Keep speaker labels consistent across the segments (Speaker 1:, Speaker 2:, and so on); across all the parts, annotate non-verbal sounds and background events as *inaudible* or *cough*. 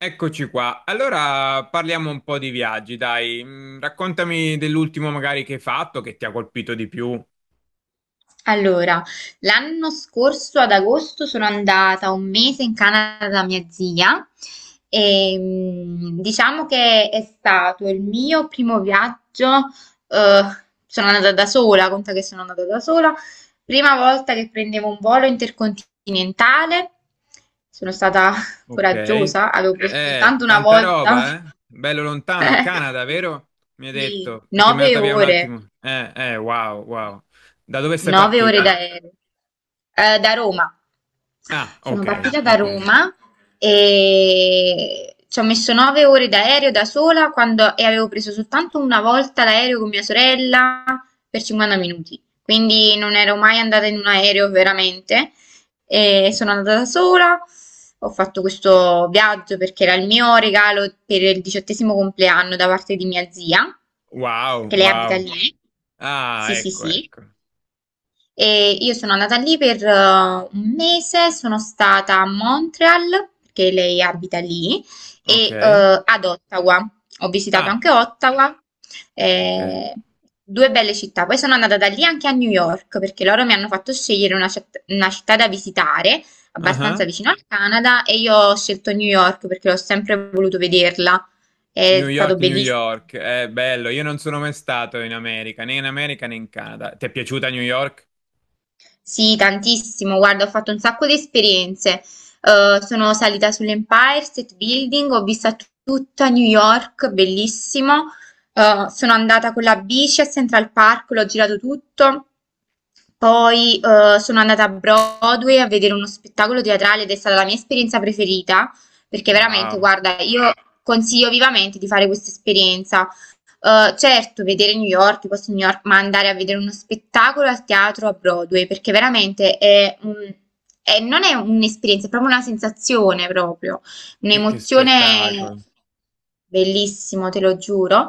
Speaker 1: Eccoci qua. Allora parliamo un po' di viaggi, dai. Raccontami dell'ultimo magari che hai fatto, che ti ha colpito di più.
Speaker 2: Allora, l'anno scorso ad agosto sono andata un mese in Canada da mia zia e diciamo che è stato il mio primo viaggio, eh, sono andata da sola, conta che sono andata da sola, prima volta che prendevo un volo intercontinentale, sono stata *laughs*
Speaker 1: Ok.
Speaker 2: coraggiosa, avevo preso
Speaker 1: Eh,
Speaker 2: soltanto una
Speaker 1: tanta
Speaker 2: volta,
Speaker 1: roba, eh? Bello lontano, Canada, vero? Mi hai
Speaker 2: *laughs* sì,
Speaker 1: detto, perché mi è
Speaker 2: nove
Speaker 1: andata via un
Speaker 2: ore,
Speaker 1: attimo. Wow, wow. Da dove sei
Speaker 2: 9 ore
Speaker 1: partita?
Speaker 2: d'aereo, da Roma.
Speaker 1: Ah,
Speaker 2: Sono
Speaker 1: ok,
Speaker 2: partita da
Speaker 1: ok.
Speaker 2: Roma e ci ho messo 9 ore d'aereo da sola e avevo preso soltanto una volta l'aereo con mia sorella per 50 minuti. Quindi non ero mai andata in un aereo veramente. E sono andata da sola. Ho fatto questo viaggio perché era il mio regalo per il 18° compleanno da parte di mia zia,
Speaker 1: Wow,
Speaker 2: che lei abita
Speaker 1: wow.
Speaker 2: lì.
Speaker 1: Ah,
Speaker 2: Sì, sì,
Speaker 1: ecco,
Speaker 2: sì.
Speaker 1: ecco.
Speaker 2: E io sono andata lì per 1 mese, sono stata a Montreal, perché lei abita lì,
Speaker 1: Ok.
Speaker 2: e ad Ottawa. Ho visitato
Speaker 1: Ah,
Speaker 2: anche Ottawa,
Speaker 1: ok.
Speaker 2: eh, due belle città. Poi sono andata da lì anche a New York, perché loro mi hanno fatto scegliere una una città da visitare, abbastanza
Speaker 1: Ah.
Speaker 2: vicino al Canada, e io ho scelto New York perché l'ho sempre voluto vederla.
Speaker 1: New
Speaker 2: È
Speaker 1: York,
Speaker 2: stato
Speaker 1: New
Speaker 2: bellissimo.
Speaker 1: York, è bello. Io non sono mai stato in America, né in America né in Canada. Ti è piaciuta New York?
Speaker 2: Sì, tantissimo. Guarda, ho fatto un sacco di esperienze. Sono salita sull'Empire State Building, ho visto tutta New York, bellissimo. Sono andata con la bici a Central Park, l'ho girato tutto. Poi sono andata a Broadway a vedere uno spettacolo teatrale ed è stata la mia esperienza preferita, perché veramente,
Speaker 1: Wow,
Speaker 2: guarda, io consiglio vivamente di fare questa esperienza. Certo vedere New York, i posti di New York, ma andare a vedere uno spettacolo al teatro a Broadway, perché veramente è un è non è un'esperienza, è proprio una sensazione proprio,
Speaker 1: che
Speaker 2: un'emozione
Speaker 1: spettacolo.
Speaker 2: bellissimo, te lo giuro,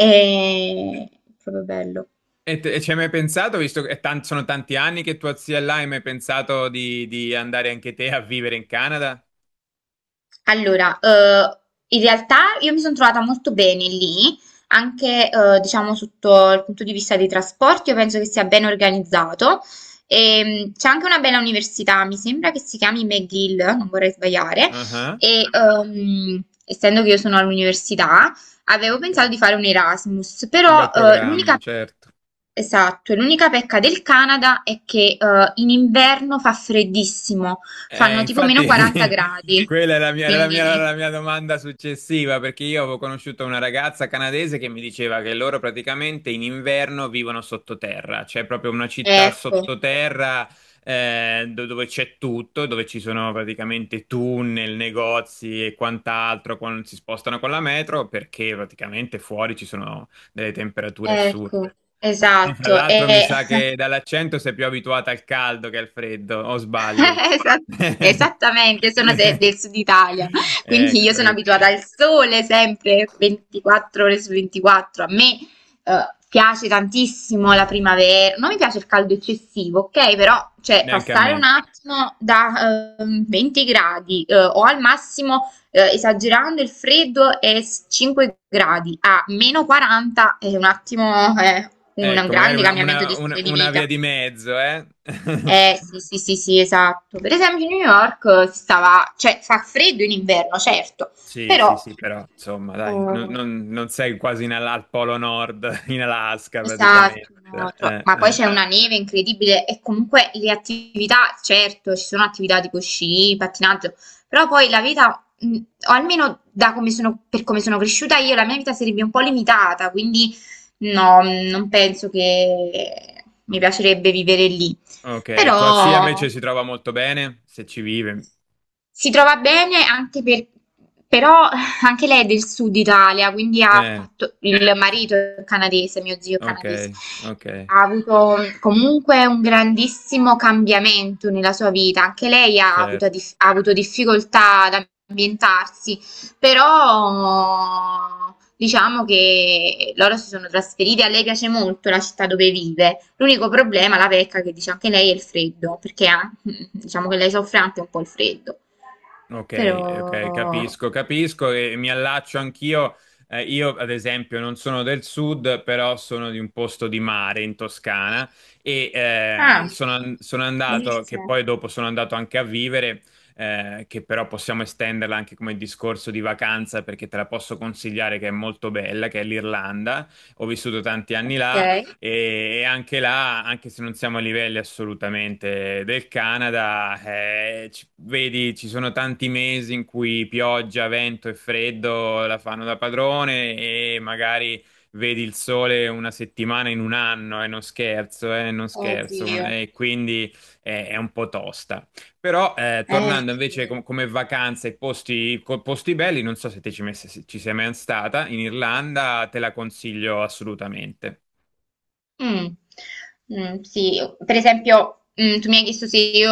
Speaker 1: E,
Speaker 2: proprio bello.
Speaker 1: e ci hai mai pensato, visto che sono tanti anni che tua zia è là, hai mai pensato di, andare anche te a vivere in Canada?
Speaker 2: Allora, in realtà io mi sono trovata molto bene lì, anche diciamo sotto il punto di vista dei trasporti, io penso che sia ben organizzato. E, c'è anche una bella università, mi sembra che si chiami McGill, non vorrei sbagliare,
Speaker 1: Ah, ah,
Speaker 2: e essendo che io sono all'università, avevo
Speaker 1: ok,
Speaker 2: pensato di fare un Erasmus,
Speaker 1: un bel
Speaker 2: però
Speaker 1: programma,
Speaker 2: l'unica...
Speaker 1: certo.
Speaker 2: Esatto, l'unica pecca del Canada è che in inverno fa freddissimo. Fanno tipo
Speaker 1: Infatti,
Speaker 2: meno 40
Speaker 1: *laughs*
Speaker 2: gradi,
Speaker 1: quella è la mia- era la mia,
Speaker 2: quindi
Speaker 1: la mia domanda successiva, perché io avevo conosciuto una ragazza canadese che mi diceva che loro praticamente in inverno vivono sottoterra, c'è proprio una città
Speaker 2: ecco,
Speaker 1: sottoterra dove c'è tutto, dove ci sono praticamente tunnel, negozi e quant'altro, quando si spostano con la metro, perché praticamente fuori ci sono delle temperature
Speaker 2: ecco,
Speaker 1: assurde. E fra
Speaker 2: esatto.
Speaker 1: l'altro mi
Speaker 2: E
Speaker 1: sa che
Speaker 2: *laughs*
Speaker 1: dall'accento sei più abituata al caldo che al freddo, o sbaglio?
Speaker 2: *laughs* Esat-
Speaker 1: *laughs*
Speaker 2: Esattamente, io sono del sud Italia, quindi io
Speaker 1: Ecco,
Speaker 2: sono
Speaker 1: ecco.
Speaker 2: abituata al sole sempre 24 ore su 24. A me piace tantissimo la primavera, non mi piace il caldo eccessivo, ok? Però cioè,
Speaker 1: Neanche a
Speaker 2: passare un
Speaker 1: me.
Speaker 2: attimo da 20 gradi o al massimo esagerando il freddo 5 gradi a meno 40 è un attimo un
Speaker 1: Ecco, magari
Speaker 2: grande cambiamento di stile di
Speaker 1: una via
Speaker 2: vita.
Speaker 1: di mezzo, eh? *laughs*
Speaker 2: Eh sì, sì, sì, sì, esatto. Per esempio, New York stava, cioè fa freddo in inverno, certo,
Speaker 1: Sì, sì,
Speaker 2: però
Speaker 1: sì, però insomma, dai, non,
Speaker 2: eh,
Speaker 1: non- non sei quasi in al Polo Nord, *laughs* in Alaska
Speaker 2: esatto,
Speaker 1: praticamente.
Speaker 2: no, ma poi c'è una neve incredibile e comunque le attività, certo, ci sono attività tipo sci, pattinaggio, però poi la vita, o almeno per come sono cresciuta io, la mia vita sarebbe un po' limitata, quindi no, non penso che mi piacerebbe vivere lì.
Speaker 1: Ok, tua zia invece
Speaker 2: Però
Speaker 1: si trova molto bene, se ci vive.
Speaker 2: si trova bene però anche lei è del sud Italia, quindi ha
Speaker 1: Eh,
Speaker 2: fatto, il
Speaker 1: c-
Speaker 2: marito è canadese, mio zio è
Speaker 1: ok,
Speaker 2: canadese,
Speaker 1: ok,
Speaker 2: ha avuto comunque un grandissimo cambiamento nella sua vita. Anche lei ha avuto,
Speaker 1: certo.
Speaker 2: ha avuto difficoltà ad ambientarsi, però diciamo che loro si sono trasferiti. A lei piace molto la città dove vive. L'unico problema, la vecchia che dice anche lei, è il freddo, perché *laughs* diciamo che lei soffre anche un po' il freddo.
Speaker 1: Ok, ok,
Speaker 2: Però...
Speaker 1: capisco, capisco e mi allaccio anch'io. Io, ad esempio, non sono del sud, però sono di un posto di mare in Toscana e eh,
Speaker 2: Ah,
Speaker 1: sono, an- sono andato, che
Speaker 2: bellissimo.
Speaker 1: poi dopo sono andato anche a vivere, che però possiamo estenderla anche come discorso di vacanza perché te la posso consigliare che è molto bella, che è l'Irlanda. Ho vissuto tanti anni là
Speaker 2: Ok.
Speaker 1: e anche là, anche se non siamo a livelli assolutamente del Canada, vedi, ci sono tanti mesi in cui pioggia, vento e freddo la fanno da padrone e magari vedi il sole una settimana in un anno, e non scherzo, non scherzo,
Speaker 2: Oddio.
Speaker 1: e quindi è un po' tosta. Però tornando invece
Speaker 2: Sì.
Speaker 1: come vacanze e posti, posti belli, non so se te ci sei mai stata in Irlanda, te la consiglio assolutamente.
Speaker 2: Mm. Mm, sì, per esempio, mm, tu mi hai chiesto se io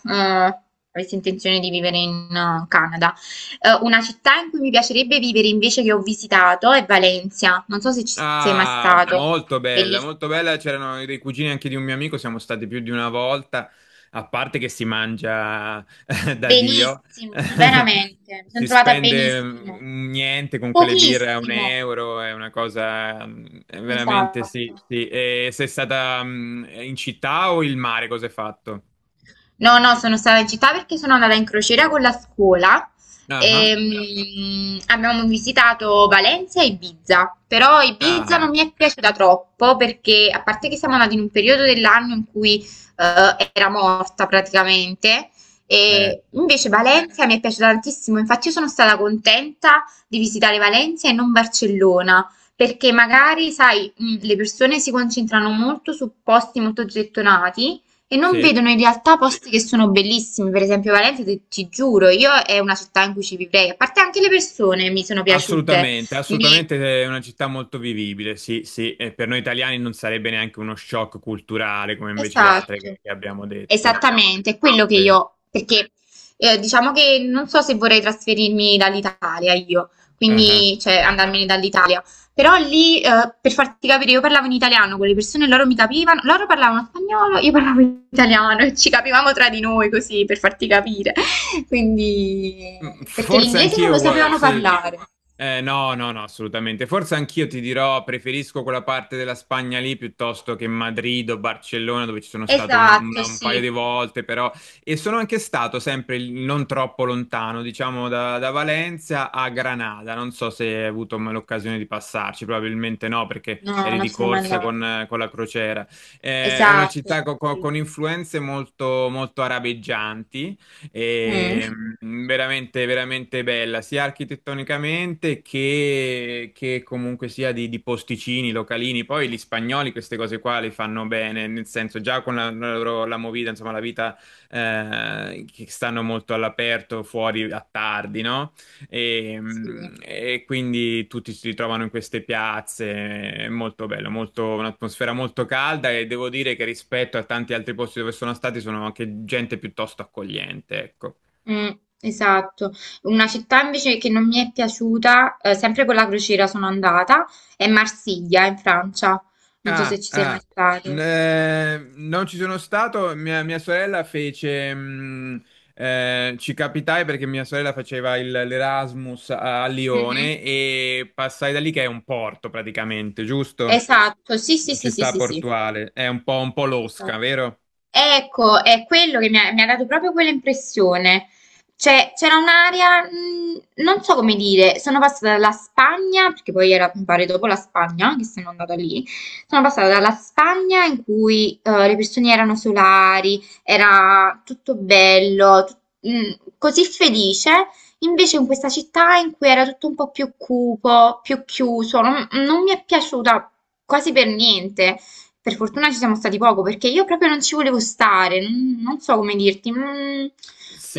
Speaker 2: avessi intenzione di vivere in Canada. Una città in cui mi piacerebbe vivere invece che ho visitato è Valencia. Non so se ci sei mai
Speaker 1: Ah,
Speaker 2: stato.
Speaker 1: molto bella,
Speaker 2: Bellissima.
Speaker 1: molto bella. C'erano dei cugini anche di un mio amico, siamo stati più di una volta, a parte che si mangia *laughs* da Dio,
Speaker 2: Benissimo,
Speaker 1: *laughs*
Speaker 2: veramente. Mi sono
Speaker 1: si
Speaker 2: trovata
Speaker 1: spende
Speaker 2: benissimo.
Speaker 1: niente con quelle birre a un
Speaker 2: Pochissimo.
Speaker 1: euro, è una cosa è veramente
Speaker 2: Esatto.
Speaker 1: sì, sì. E sei stata in città o il mare, cosa hai fatto?
Speaker 2: No, no, sono stata in città perché sono andata in crociera con la scuola
Speaker 1: Ah,
Speaker 2: e
Speaker 1: ah,
Speaker 2: abbiamo visitato Valencia e Ibiza, però Ibiza non
Speaker 1: ah,
Speaker 2: mi è piaciuta troppo perché a parte che siamo andati in un periodo dell'anno in cui era morta praticamente,
Speaker 1: eh,
Speaker 2: e invece Valencia mi è piaciuta tantissimo, infatti io sono stata contenta di visitare Valencia e non Barcellona. Perché magari, sai, le persone si concentrano molto su posti molto gettonati, e non
Speaker 1: sì.
Speaker 2: vedono in realtà posti che sono bellissimi, per esempio Valencia, ti giuro, io è una città in cui ci vivrei, a parte anche le persone mi sono piaciute,
Speaker 1: Assolutamente,
Speaker 2: mi,
Speaker 1: assolutamente è una città molto vivibile, sì, sì, e per noi italiani non sarebbe neanche uno shock culturale come invece le altre che,
Speaker 2: esatto.
Speaker 1: che abbiamo detto.
Speaker 2: Esattamente, è quello che
Speaker 1: Sì.
Speaker 2: io, perché diciamo che non so se vorrei trasferirmi dall'Italia io, quindi cioè andarmene dall'Italia, però lì per farti capire io parlavo in italiano con le persone, loro mi capivano, loro parlavano spagnolo, io parlavo in italiano e ci capivamo tra di noi così per farti capire, *laughs* quindi perché
Speaker 1: Forse
Speaker 2: l'inglese non lo
Speaker 1: anch'io,
Speaker 2: sapevano
Speaker 1: sì.
Speaker 2: parlare.
Speaker 1: No, no, no, assolutamente. Forse anch'io ti dirò, preferisco quella parte della Spagna lì piuttosto che Madrid o Barcellona, dove ci sono stato
Speaker 2: Esatto,
Speaker 1: un paio
Speaker 2: sì.
Speaker 1: di volte, però. E sono anche stato sempre non troppo lontano, diciamo da Valencia a Granada. Non so se hai avuto mai l'occasione di passarci, probabilmente no, perché
Speaker 2: No,
Speaker 1: eri
Speaker 2: non
Speaker 1: di
Speaker 2: sono mai
Speaker 1: corsa con,
Speaker 2: andata.
Speaker 1: eh, con la crociera. È una
Speaker 2: Esatto,
Speaker 1: città
Speaker 2: sì.
Speaker 1: con influenze molto, molto arabeggianti.
Speaker 2: Mm.
Speaker 1: E, veramente, veramente bella, sia architettonicamente che comunque sia di posticini, localini. Poi gli spagnoli queste cose qua le fanno bene, nel senso già con la loro la movida, insomma la vita che stanno molto all'aperto, fuori a tardi, no? E,
Speaker 2: Sì,
Speaker 1: mh, e quindi tutti si ritrovano in queste piazze, è molto bello, molto, un'atmosfera molto calda e devo dire che rispetto a tanti altri posti dove sono stati sono anche gente piuttosto accogliente, ecco.
Speaker 2: mm, esatto. Una città invece che non mi è piaciuta, sempre con la crociera sono andata, è Marsiglia in Francia. Non so
Speaker 1: Ah,
Speaker 2: se ci sei mai
Speaker 1: ah,
Speaker 2: stato.
Speaker 1: non ci sono stato, mia sorella ci capitai perché mia sorella faceva l'Erasmus a
Speaker 2: Mhm.
Speaker 1: Lione e passai da lì che è un porto praticamente, giusto?
Speaker 2: Esatto, sì, sì, sì,
Speaker 1: Ci
Speaker 2: sì,
Speaker 1: sta
Speaker 2: sì, sì.
Speaker 1: Portuale, è un po' losca,
Speaker 2: Esatto.
Speaker 1: vero?
Speaker 2: Ecco, è quello che mi ha dato proprio quella impressione. Cioè, c'era un'area, non so come dire, sono passata dalla Spagna, perché poi era, mi pare, dopo la Spagna, che sono andata lì, sono passata dalla Spagna in cui le persone erano solari, era tutto bello, mh, così felice, invece in questa città in cui era tutto un po' più cupo, più chiuso, non mi è piaciuta quasi per niente. Per fortuna ci siamo stati poco perché io proprio non ci volevo stare, non so come dirti. Mm,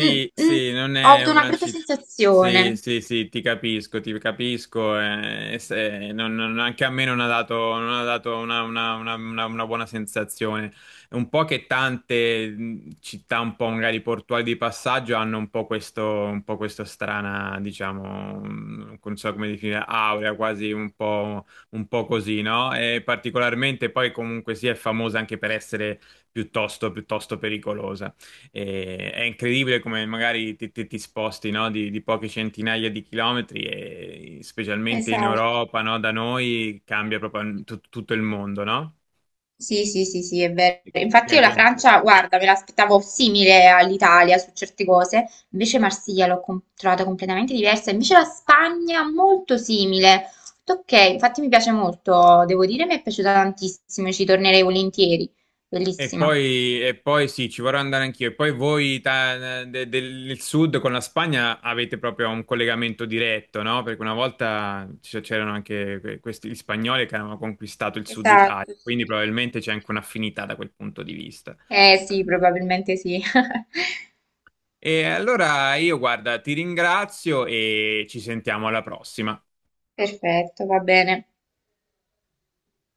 Speaker 2: mm, mm,
Speaker 1: sì, non
Speaker 2: ho
Speaker 1: è
Speaker 2: avuto una
Speaker 1: una
Speaker 2: brutta
Speaker 1: città. Sì,
Speaker 2: sensazione.
Speaker 1: sì, sì, ti capisco, ti capisco. Anche a me non ha dato una buona sensazione. È un po' che tante città, un po' magari portuali di passaggio, hanno un po' questo strana, diciamo, non so come definire, aurea, quasi un po' così, no? E particolarmente poi comunque sì, è famosa anche per essere piuttosto, piuttosto pericolosa. E è incredibile come magari ti sposti, no, di poche centinaia di chilometri e specialmente in
Speaker 2: Esatto.
Speaker 1: Europa, no, da noi cambia proprio tutto il mondo, no?
Speaker 2: Sì, sì, sì, sì, è vero.
Speaker 1: E,
Speaker 2: Infatti io
Speaker 1: anche
Speaker 2: la
Speaker 1: il-
Speaker 2: Francia, guarda, me l'aspettavo simile all'Italia su certe cose, invece Marsiglia l'ho trovata completamente diversa, invece la Spagna molto simile. Ho detto, ok, infatti mi piace molto, devo dire, mi è piaciuta tantissimo, ci tornerei volentieri.
Speaker 1: e
Speaker 2: Bellissima.
Speaker 1: poi, e poi sì, ci vorrò andare anch'io. E poi voi del sud con la Spagna avete proprio un collegamento diretto, no? Perché una volta c'erano anche questi gli spagnoli che avevano conquistato il sud Italia,
Speaker 2: Esatto, sì.
Speaker 1: quindi probabilmente c'è anche un'affinità da quel punto di vista.
Speaker 2: Eh sì, probabilmente sì. *laughs*
Speaker 1: E allora io, guarda, ti ringrazio e ci sentiamo alla prossima.
Speaker 2: Perfetto, va bene.